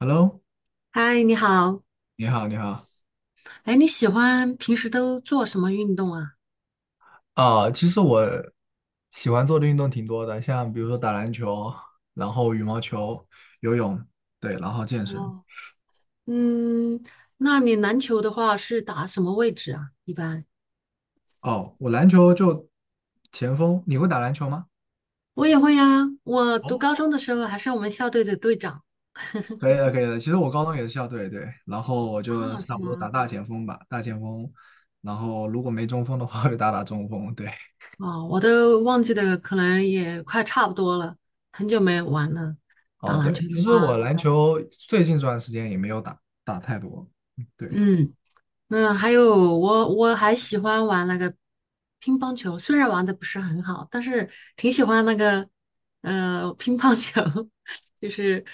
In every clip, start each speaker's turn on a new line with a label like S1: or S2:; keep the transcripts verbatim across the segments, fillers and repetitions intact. S1: Hello，
S2: 嗨，你好。
S1: 你好，你好。
S2: 哎，你喜欢平时都做什么运动啊？
S1: 啊，其实我喜欢做的运动挺多的，像比如说打篮球，然后羽毛球、游泳，对，然后健身。
S2: 哦，嗯，那你篮球的话是打什么位置啊？一般
S1: 哦，我篮球就前锋，你会打篮球吗？
S2: 我也会呀、我
S1: 哦，
S2: 读高中的时候还是我们校队的队长。
S1: 可以的，可以的。其实我高中也是校队，对，然后我就
S2: 啊，是
S1: 差不多
S2: 吗？
S1: 打大前锋吧，大前锋。然后如果没中锋的话，就打打中锋。对，
S2: 哦，我都忘记的，可能也快差不多了，很久没玩了。打
S1: 哦，
S2: 篮
S1: 对，
S2: 球的
S1: 其实我
S2: 话，
S1: 篮球最近这段时间也没有打打太多，嗯对。
S2: 嗯。嗯，还有我我还喜欢玩那个乒乓球，虽然玩的不是很好，但是挺喜欢那个呃乒乓球，就是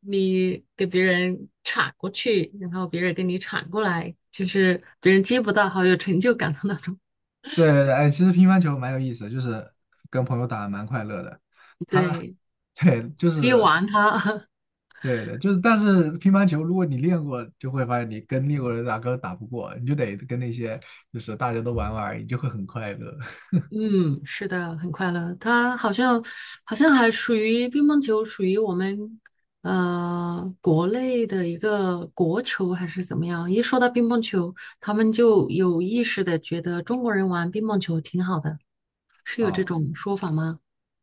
S2: 你给别人铲过去，然后别人给你铲过来，就是别人接不到，好有成就感的那种。
S1: 对对对，哎，其实乒乓球蛮有意思的，就是跟朋友打蛮快乐的。他，
S2: 对，
S1: 对，就
S2: 可以
S1: 是
S2: 玩它。
S1: 对对，就是，但是乒乓球如果你练过，就会发现你跟练过的人打根本打不过，你就得跟那些就是大家都玩玩而已，你就会很快乐
S2: 嗯，是的，很快乐。他好像好像还属于乒乓球，属于我们呃国内的一个国球还是怎么样？一说到乒乓球，他们就有意识的觉得中国人玩乒乓球挺好的，是有这
S1: 啊。
S2: 种说法吗？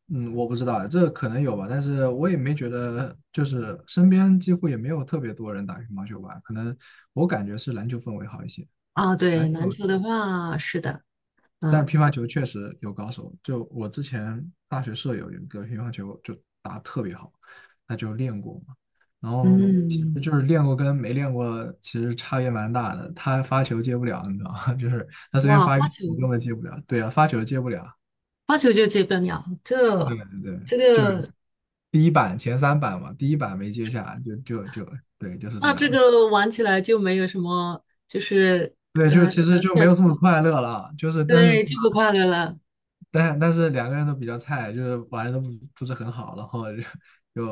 S1: 嗯，我不知道，这可能有吧，但是我也没觉得，就是身边几乎也没有特别多人打乒乓球吧，可能我感觉是篮球氛围好一些。
S2: 啊，
S1: 对，
S2: 对，
S1: 篮
S2: 篮
S1: 球。
S2: 球的话是的，啊，
S1: 但乒乓球确实有高手，就我之前大学舍友有一个乒乓球就打得特别好，他就练过嘛，然后其实
S2: 嗯，
S1: 就是练过跟没练过其实差别蛮大的，他发球接不了，你知道吗？就是他随便
S2: 哇，
S1: 发一
S2: 发
S1: 个
S2: 球
S1: 我根本接不了，对啊，发球接不了，
S2: 发球就接不了，
S1: 对
S2: 这
S1: 对对，
S2: 这
S1: 就是
S2: 个
S1: 第一板前三板嘛，第一板没接下就就就对，就是这
S2: 那这
S1: 样。
S2: 个玩起来就没有什么就是
S1: 对，就是
S2: 呃。
S1: 其实就没有这么快乐了，就是但是
S2: 对，就不快乐了。
S1: 但但是两个人都比较菜，就是玩的都不不是很好，然后就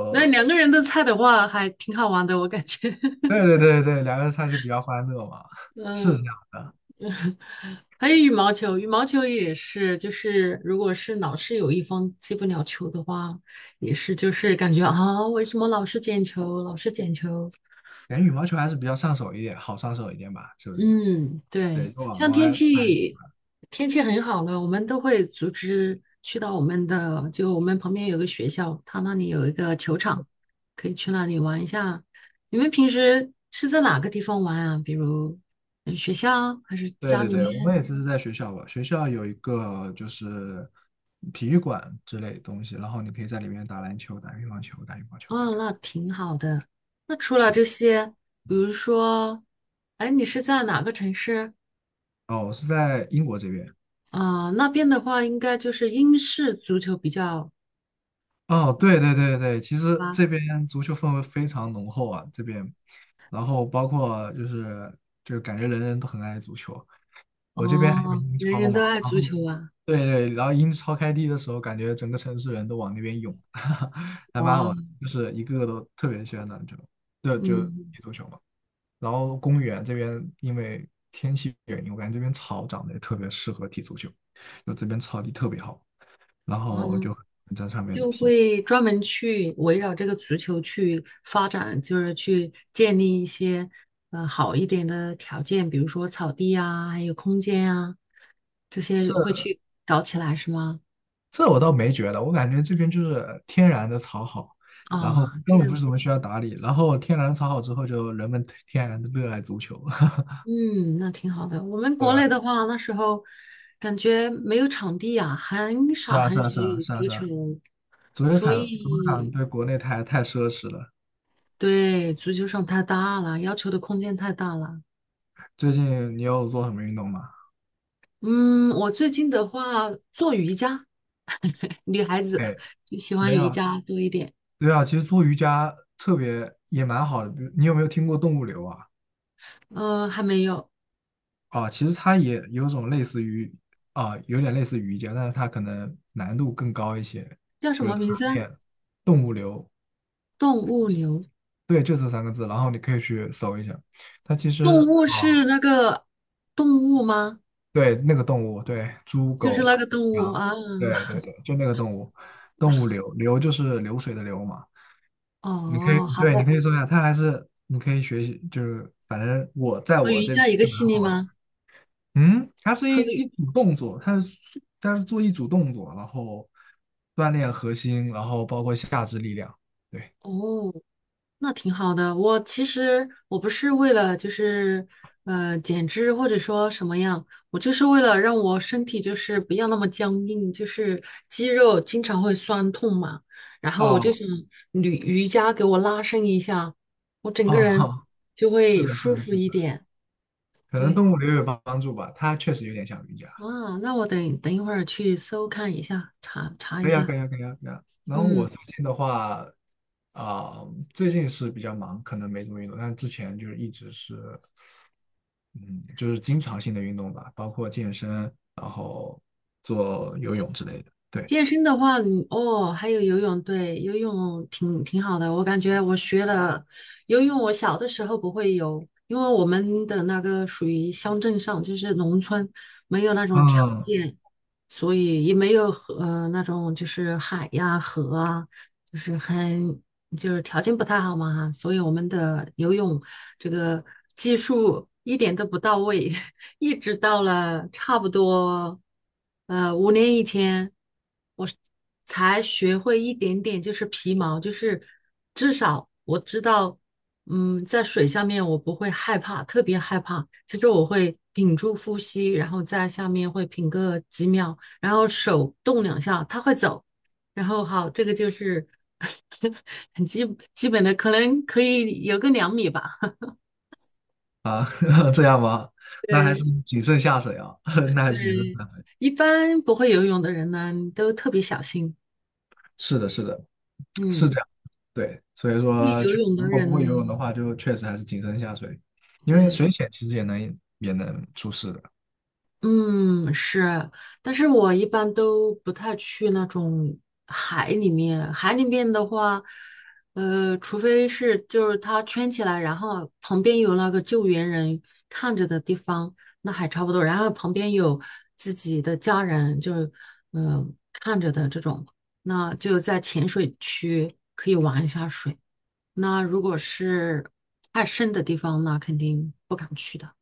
S2: 那两个人的菜的话，还挺好玩的，我感觉。
S1: 对 对对对，两个人上就比较欢乐嘛，是这
S2: 嗯，
S1: 样的。
S2: 还有羽毛球，羽毛球也是，就是如果是老是有一方接不了球的话，也是就是感觉啊，为什么老是捡球，老是捡球？
S1: 感觉羽毛球还是比较上手一点，好上手一点吧，是不是？
S2: 嗯，
S1: 对，
S2: 对，
S1: 就往
S2: 像
S1: 往
S2: 天
S1: 外拍。
S2: 气天气很好了，我们都会组织去到我们的，就我们旁边有个学校，它那里有一个球场，可以去那里玩一下。你们平时是在哪个地方玩啊？比如嗯学校还是
S1: 对
S2: 家
S1: 对
S2: 里
S1: 对，我们
S2: 面？
S1: 也只是在学校吧，学校有一个就是体育馆之类的东西，然后你可以在里面打篮球、打乒乓球、打羽毛球之类
S2: 哦，
S1: 的。
S2: 那挺好的。那除了这些，比如说，哎，你是在哪个城市？
S1: 哦，我是在英国这边。
S2: 啊、那边的话，应该就是英式足球比较。
S1: 哦，对对对对，其实
S2: 吧。
S1: 这边足球氛围非常浓厚啊，这边，然后包括就是就是感觉人人都很爱足球。我这边还有
S2: 哦，
S1: 英
S2: 人
S1: 超
S2: 人都
S1: 嘛，
S2: 爱
S1: 然
S2: 足
S1: 后
S2: 球啊，
S1: 对对，然后英超开踢的时候，感觉整个城市人都往那边涌，还蛮
S2: 哇，
S1: 好的，就是一个个都特别喜欢打篮球，对，就
S2: 嗯
S1: 踢足球嘛。然后公园这边因为天气原因，我感觉这边草长得也特别适合踢足球，就这边草地特别好，然后
S2: 嗯，
S1: 就在上面
S2: 就
S1: 踢。
S2: 会专门去围绕这个足球去发展，就是去建立一些呃好一点的条件，比如说草地啊，还有空间啊，这些会去搞起来是吗？
S1: 这我倒没觉得，我感觉这边就是天然的草好，然后
S2: 啊，这
S1: 根本不
S2: 样
S1: 是
S2: 子，
S1: 什么需要打理，然后天然草好之后，就人们天然的热爱足球，
S2: 嗯，那挺好的。我们
S1: 对
S2: 国
S1: 吧？
S2: 内的话，那时候感觉没有场地啊，很
S1: 是
S2: 少
S1: 啊，是
S2: 很
S1: 啊，
S2: 少
S1: 是啊，
S2: 有
S1: 是啊，
S2: 足
S1: 是啊。
S2: 球，
S1: 足球
S2: 所
S1: 场，足球场
S2: 以
S1: 对国内太太奢侈了。
S2: 对，足球场太大了，要求的空间太大了。
S1: 最近你有做什么运动吗？
S2: 嗯，我最近的话做瑜伽，女孩子
S1: 哎，
S2: 就喜
S1: 没
S2: 欢瑜
S1: 有。
S2: 伽多一点。
S1: 对啊，其实做瑜伽特别也蛮好的。比如你有没有听过动物流啊？
S2: 呃，还没有，
S1: 啊，其实它也有种类似于啊，有点类似于瑜伽，但是它可能难度更高一些。
S2: 叫什
S1: 就
S2: 么
S1: 是它
S2: 名字啊
S1: 练动物流，
S2: 动物流，
S1: 对，就这三个字。然后你可以去搜一下，它其实
S2: 动物
S1: 啊。
S2: 是那个动物吗？
S1: 对，那个动物，对，猪、
S2: 就是那
S1: 狗、
S2: 个动物
S1: 羊，
S2: 啊。
S1: 对对 对，就那个动物，动物流，流就是流水的流嘛。你可以，
S2: 哦，好
S1: 对，你可
S2: 的。
S1: 以搜一下，它还是你可以学习，就是反正我在
S2: 和
S1: 我
S2: 瑜
S1: 这边
S2: 伽一个
S1: 是
S2: 系
S1: 蛮
S2: 列
S1: 火的。
S2: 吗？
S1: 嗯，它是一
S2: 和瑜
S1: 一组动作，它是它是做一组动作，然后锻炼核心，然后包括下肢力量。对，
S2: 哦，那挺好的。我其实我不是为了就是呃减脂或者说什么样，我就是为了让我身体就是不要那么僵硬，就是肌肉经常会酸痛嘛。然后我就
S1: 哦
S2: 想瑜瑜伽给我拉伸一下，我整个
S1: 哦，
S2: 人就
S1: 是
S2: 会
S1: 的，是
S2: 舒
S1: 的，
S2: 服
S1: 是
S2: 一
S1: 的，
S2: 点。
S1: 可能
S2: 对，
S1: 动物流有帮帮助吧，它确实有点像瑜伽。
S2: 哇，那我等等一会儿去搜看一下，查查一
S1: 可以啊，
S2: 下。
S1: 可以啊，可以啊，可以啊。然后我
S2: 嗯。
S1: 最近的话，啊、最近是比较忙，可能没怎么运动，但之前就是一直是，嗯，就是经常性的运动吧，包括健身，然后做游泳之类的。对，
S2: 健身的话，你哦，还有游泳，对，游泳挺挺好的。我感觉我学了游泳，我小的时候不会游，因为我们的那个属于乡镇上，就是农村，没有那种条
S1: 嗯，
S2: 件，所以也没有河，呃，那种就是海呀、河啊，就是很就是条件不太好嘛哈，所以我们的游泳这个技术一点都不到位。一直到了差不多呃五年以前，我才学会一点点，就是皮毛，就是至少我知道，嗯，在水下面我不会害怕，特别害怕，就是我会屏住呼吸，然后在下面会屏个几秒，然后手动两下，它会走，然后好，这个就是 很基基本的，可能可以有个两米吧，
S1: 啊，这样吗？那还是
S2: 对。
S1: 谨慎下水啊，那还是谨慎
S2: 对，
S1: 下水。
S2: 一般不会游泳的人呢，都特别小心。
S1: 是的，是的，是
S2: 嗯，
S1: 这样。对，所以
S2: 会
S1: 说，
S2: 游
S1: 确
S2: 泳的
S1: 如果不会游泳的
S2: 人，
S1: 话，就确实还是谨慎下水，因为水
S2: 对，
S1: 浅其实也能也能出事的。
S2: 嗯，是。但是我一般都不太去那种海里面。海里面的话，呃，除非是就是它圈起来，然后旁边有那个救援人看着的地方，那还差不多。然后旁边有自己的家人，就是嗯、呃看着的这种。那就在浅水区可以玩一下水。那如果是太深的地方，那肯定不敢去的，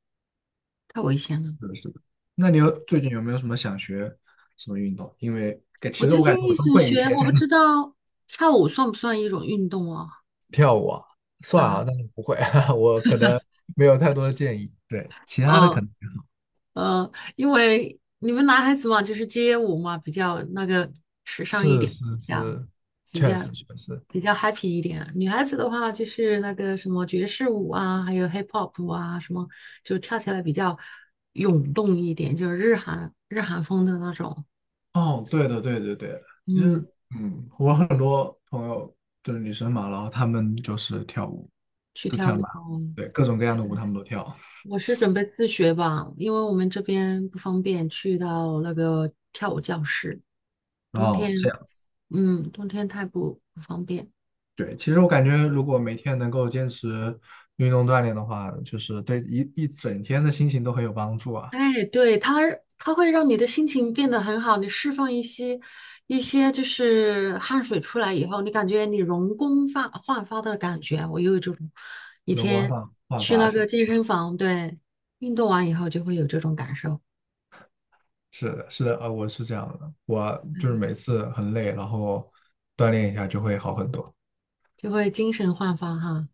S2: 太危险了。
S1: 是的，是的。那你有最近有没有什么想学什么运动？因为感
S2: 我
S1: 其实
S2: 最
S1: 我感
S2: 近
S1: 觉
S2: 一
S1: 我都
S2: 醒
S1: 会一
S2: 学，
S1: 些。
S2: 我不知道跳舞算不算一种运动哦？
S1: 跳舞啊，算啊，
S2: 啊，
S1: 但是不会，我可能没有太多的建议。对，其他的可
S2: 呃
S1: 能还好
S2: 呃，因为你们男孩子嘛，就是街舞嘛，比较那个时尚一
S1: 是是
S2: 点，比较
S1: 是，
S2: 比
S1: 确
S2: 较
S1: 实确实。
S2: 比较 happy 一点。女孩子的话，就是那个什么爵士舞啊，还有 hip hop 舞啊，什么就跳起来比较涌动一点，就是日韩日韩风的那种。
S1: 哦，对的对对对的，就
S2: 嗯。
S1: 是嗯，我很多朋友就是女生嘛，然后她们就是跳舞，
S2: 去
S1: 都
S2: 跳
S1: 跳的
S2: 舞
S1: 蛮好，
S2: 哦，
S1: 对，各种各样的舞她们都跳。
S2: 我是准备自学吧，因为我们这边不方便去到那个跳舞教室，冬
S1: 哦，这
S2: 天，
S1: 样。
S2: 嗯，冬天太不不方便。
S1: 对，其实我感觉，如果每天能够坚持运动锻炼的话，就是对一一整天的心情都很有帮助啊。
S2: 哎，对，它它会让你的心情变得很好，你释放一些一些就是汗水出来以后，你感觉你容光发焕发的感觉，我有这种，以
S1: 容光
S2: 前
S1: 焕焕
S2: 去
S1: 发
S2: 那
S1: 是
S2: 个
S1: 吧？
S2: 健身房，对，运动完以后就会有这种感受，
S1: 是的，是的，呃，我是这样的，我就是每次很累，然后锻炼一下就会好很多，
S2: 就会精神焕发哈，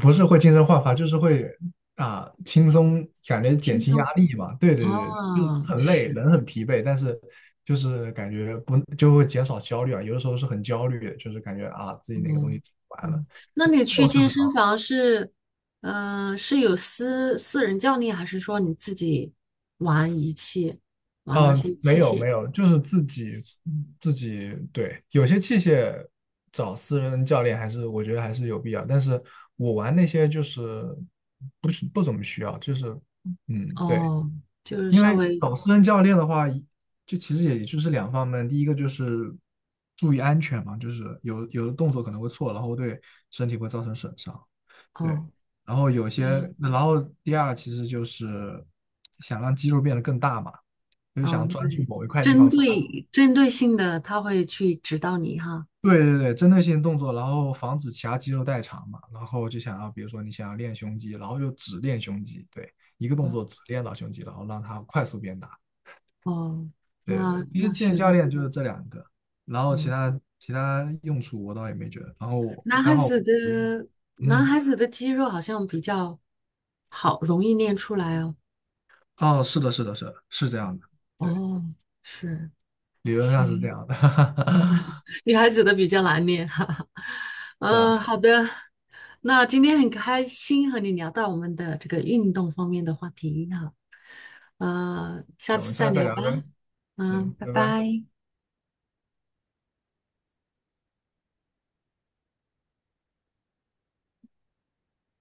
S1: 不是会精神焕发，就是会啊轻松，感觉减
S2: 轻
S1: 轻压
S2: 松。
S1: 力嘛。对对对，就是
S2: 哦，
S1: 很累，
S2: 是，
S1: 人很疲惫，但是就是感觉不就会减少焦虑啊。有的时候是很焦虑，就是感觉啊自己哪个东西
S2: 嗯
S1: 做不完了。
S2: 嗯，那
S1: 就是
S2: 你
S1: 睡
S2: 去健
S1: 不
S2: 身
S1: 着，
S2: 房是，呃，是有私私人教练，还是说你自己玩仪器，玩那
S1: 嗯，呃
S2: 些
S1: 没
S2: 器
S1: 有
S2: 械？
S1: 没有，就是自己自己对，有些器械找私人教练还是我觉得还是有必要，但是我玩那些就是不是不怎么需要，就是嗯对，
S2: 哦，就是
S1: 因
S2: 稍
S1: 为
S2: 微，
S1: 搞私人教练的话，就其实也就是两方面，第一个就是注意安全嘛，就是有有的动作可能会错，然后对身体会造成损伤，对。
S2: 哦，
S1: 然后有些，
S2: 对，
S1: 然后第二其实就是想让肌肉变得更大嘛，就是想
S2: 嗯，
S1: 专注
S2: 对，
S1: 某一块地
S2: 针
S1: 方发力。
S2: 对针对性的，他会去指导你哈。
S1: 对对对，针对性动作，然后防止其他肌肉代偿嘛。然后就想要，比如说你想要练胸肌，然后就只练胸肌，对，一个
S2: 哦
S1: 动作只练到胸肌，然后让它快速变大。
S2: 哦，
S1: 对对，
S2: 那
S1: 其实
S2: 那
S1: 见
S2: 是
S1: 教
S2: 的，
S1: 练就是这两个，然后其
S2: 嗯，
S1: 他其他用处我倒也没觉得。然后我
S2: 男孩
S1: 刚好我
S2: 子
S1: 不用，
S2: 的男孩
S1: 嗯，
S2: 子的肌肉好像比较好，容易练出来哦。
S1: 哦，是的，是的，是的，是这样的，对，
S2: 哦，是，
S1: 理论上是这
S2: 行，
S1: 样的，
S2: 女孩子的比较难念，哈哈。
S1: 是啊，
S2: 嗯，
S1: 是
S2: 好
S1: 啊
S2: 的，那今天很开心和你聊到我们的这个运动方面的话题哈，呃，下
S1: 对我
S2: 次
S1: 们下
S2: 再
S1: 次再
S2: 聊
S1: 聊
S2: 吧，
S1: 呗，
S2: 嗯，
S1: 行，
S2: 拜
S1: 拜拜。
S2: 拜。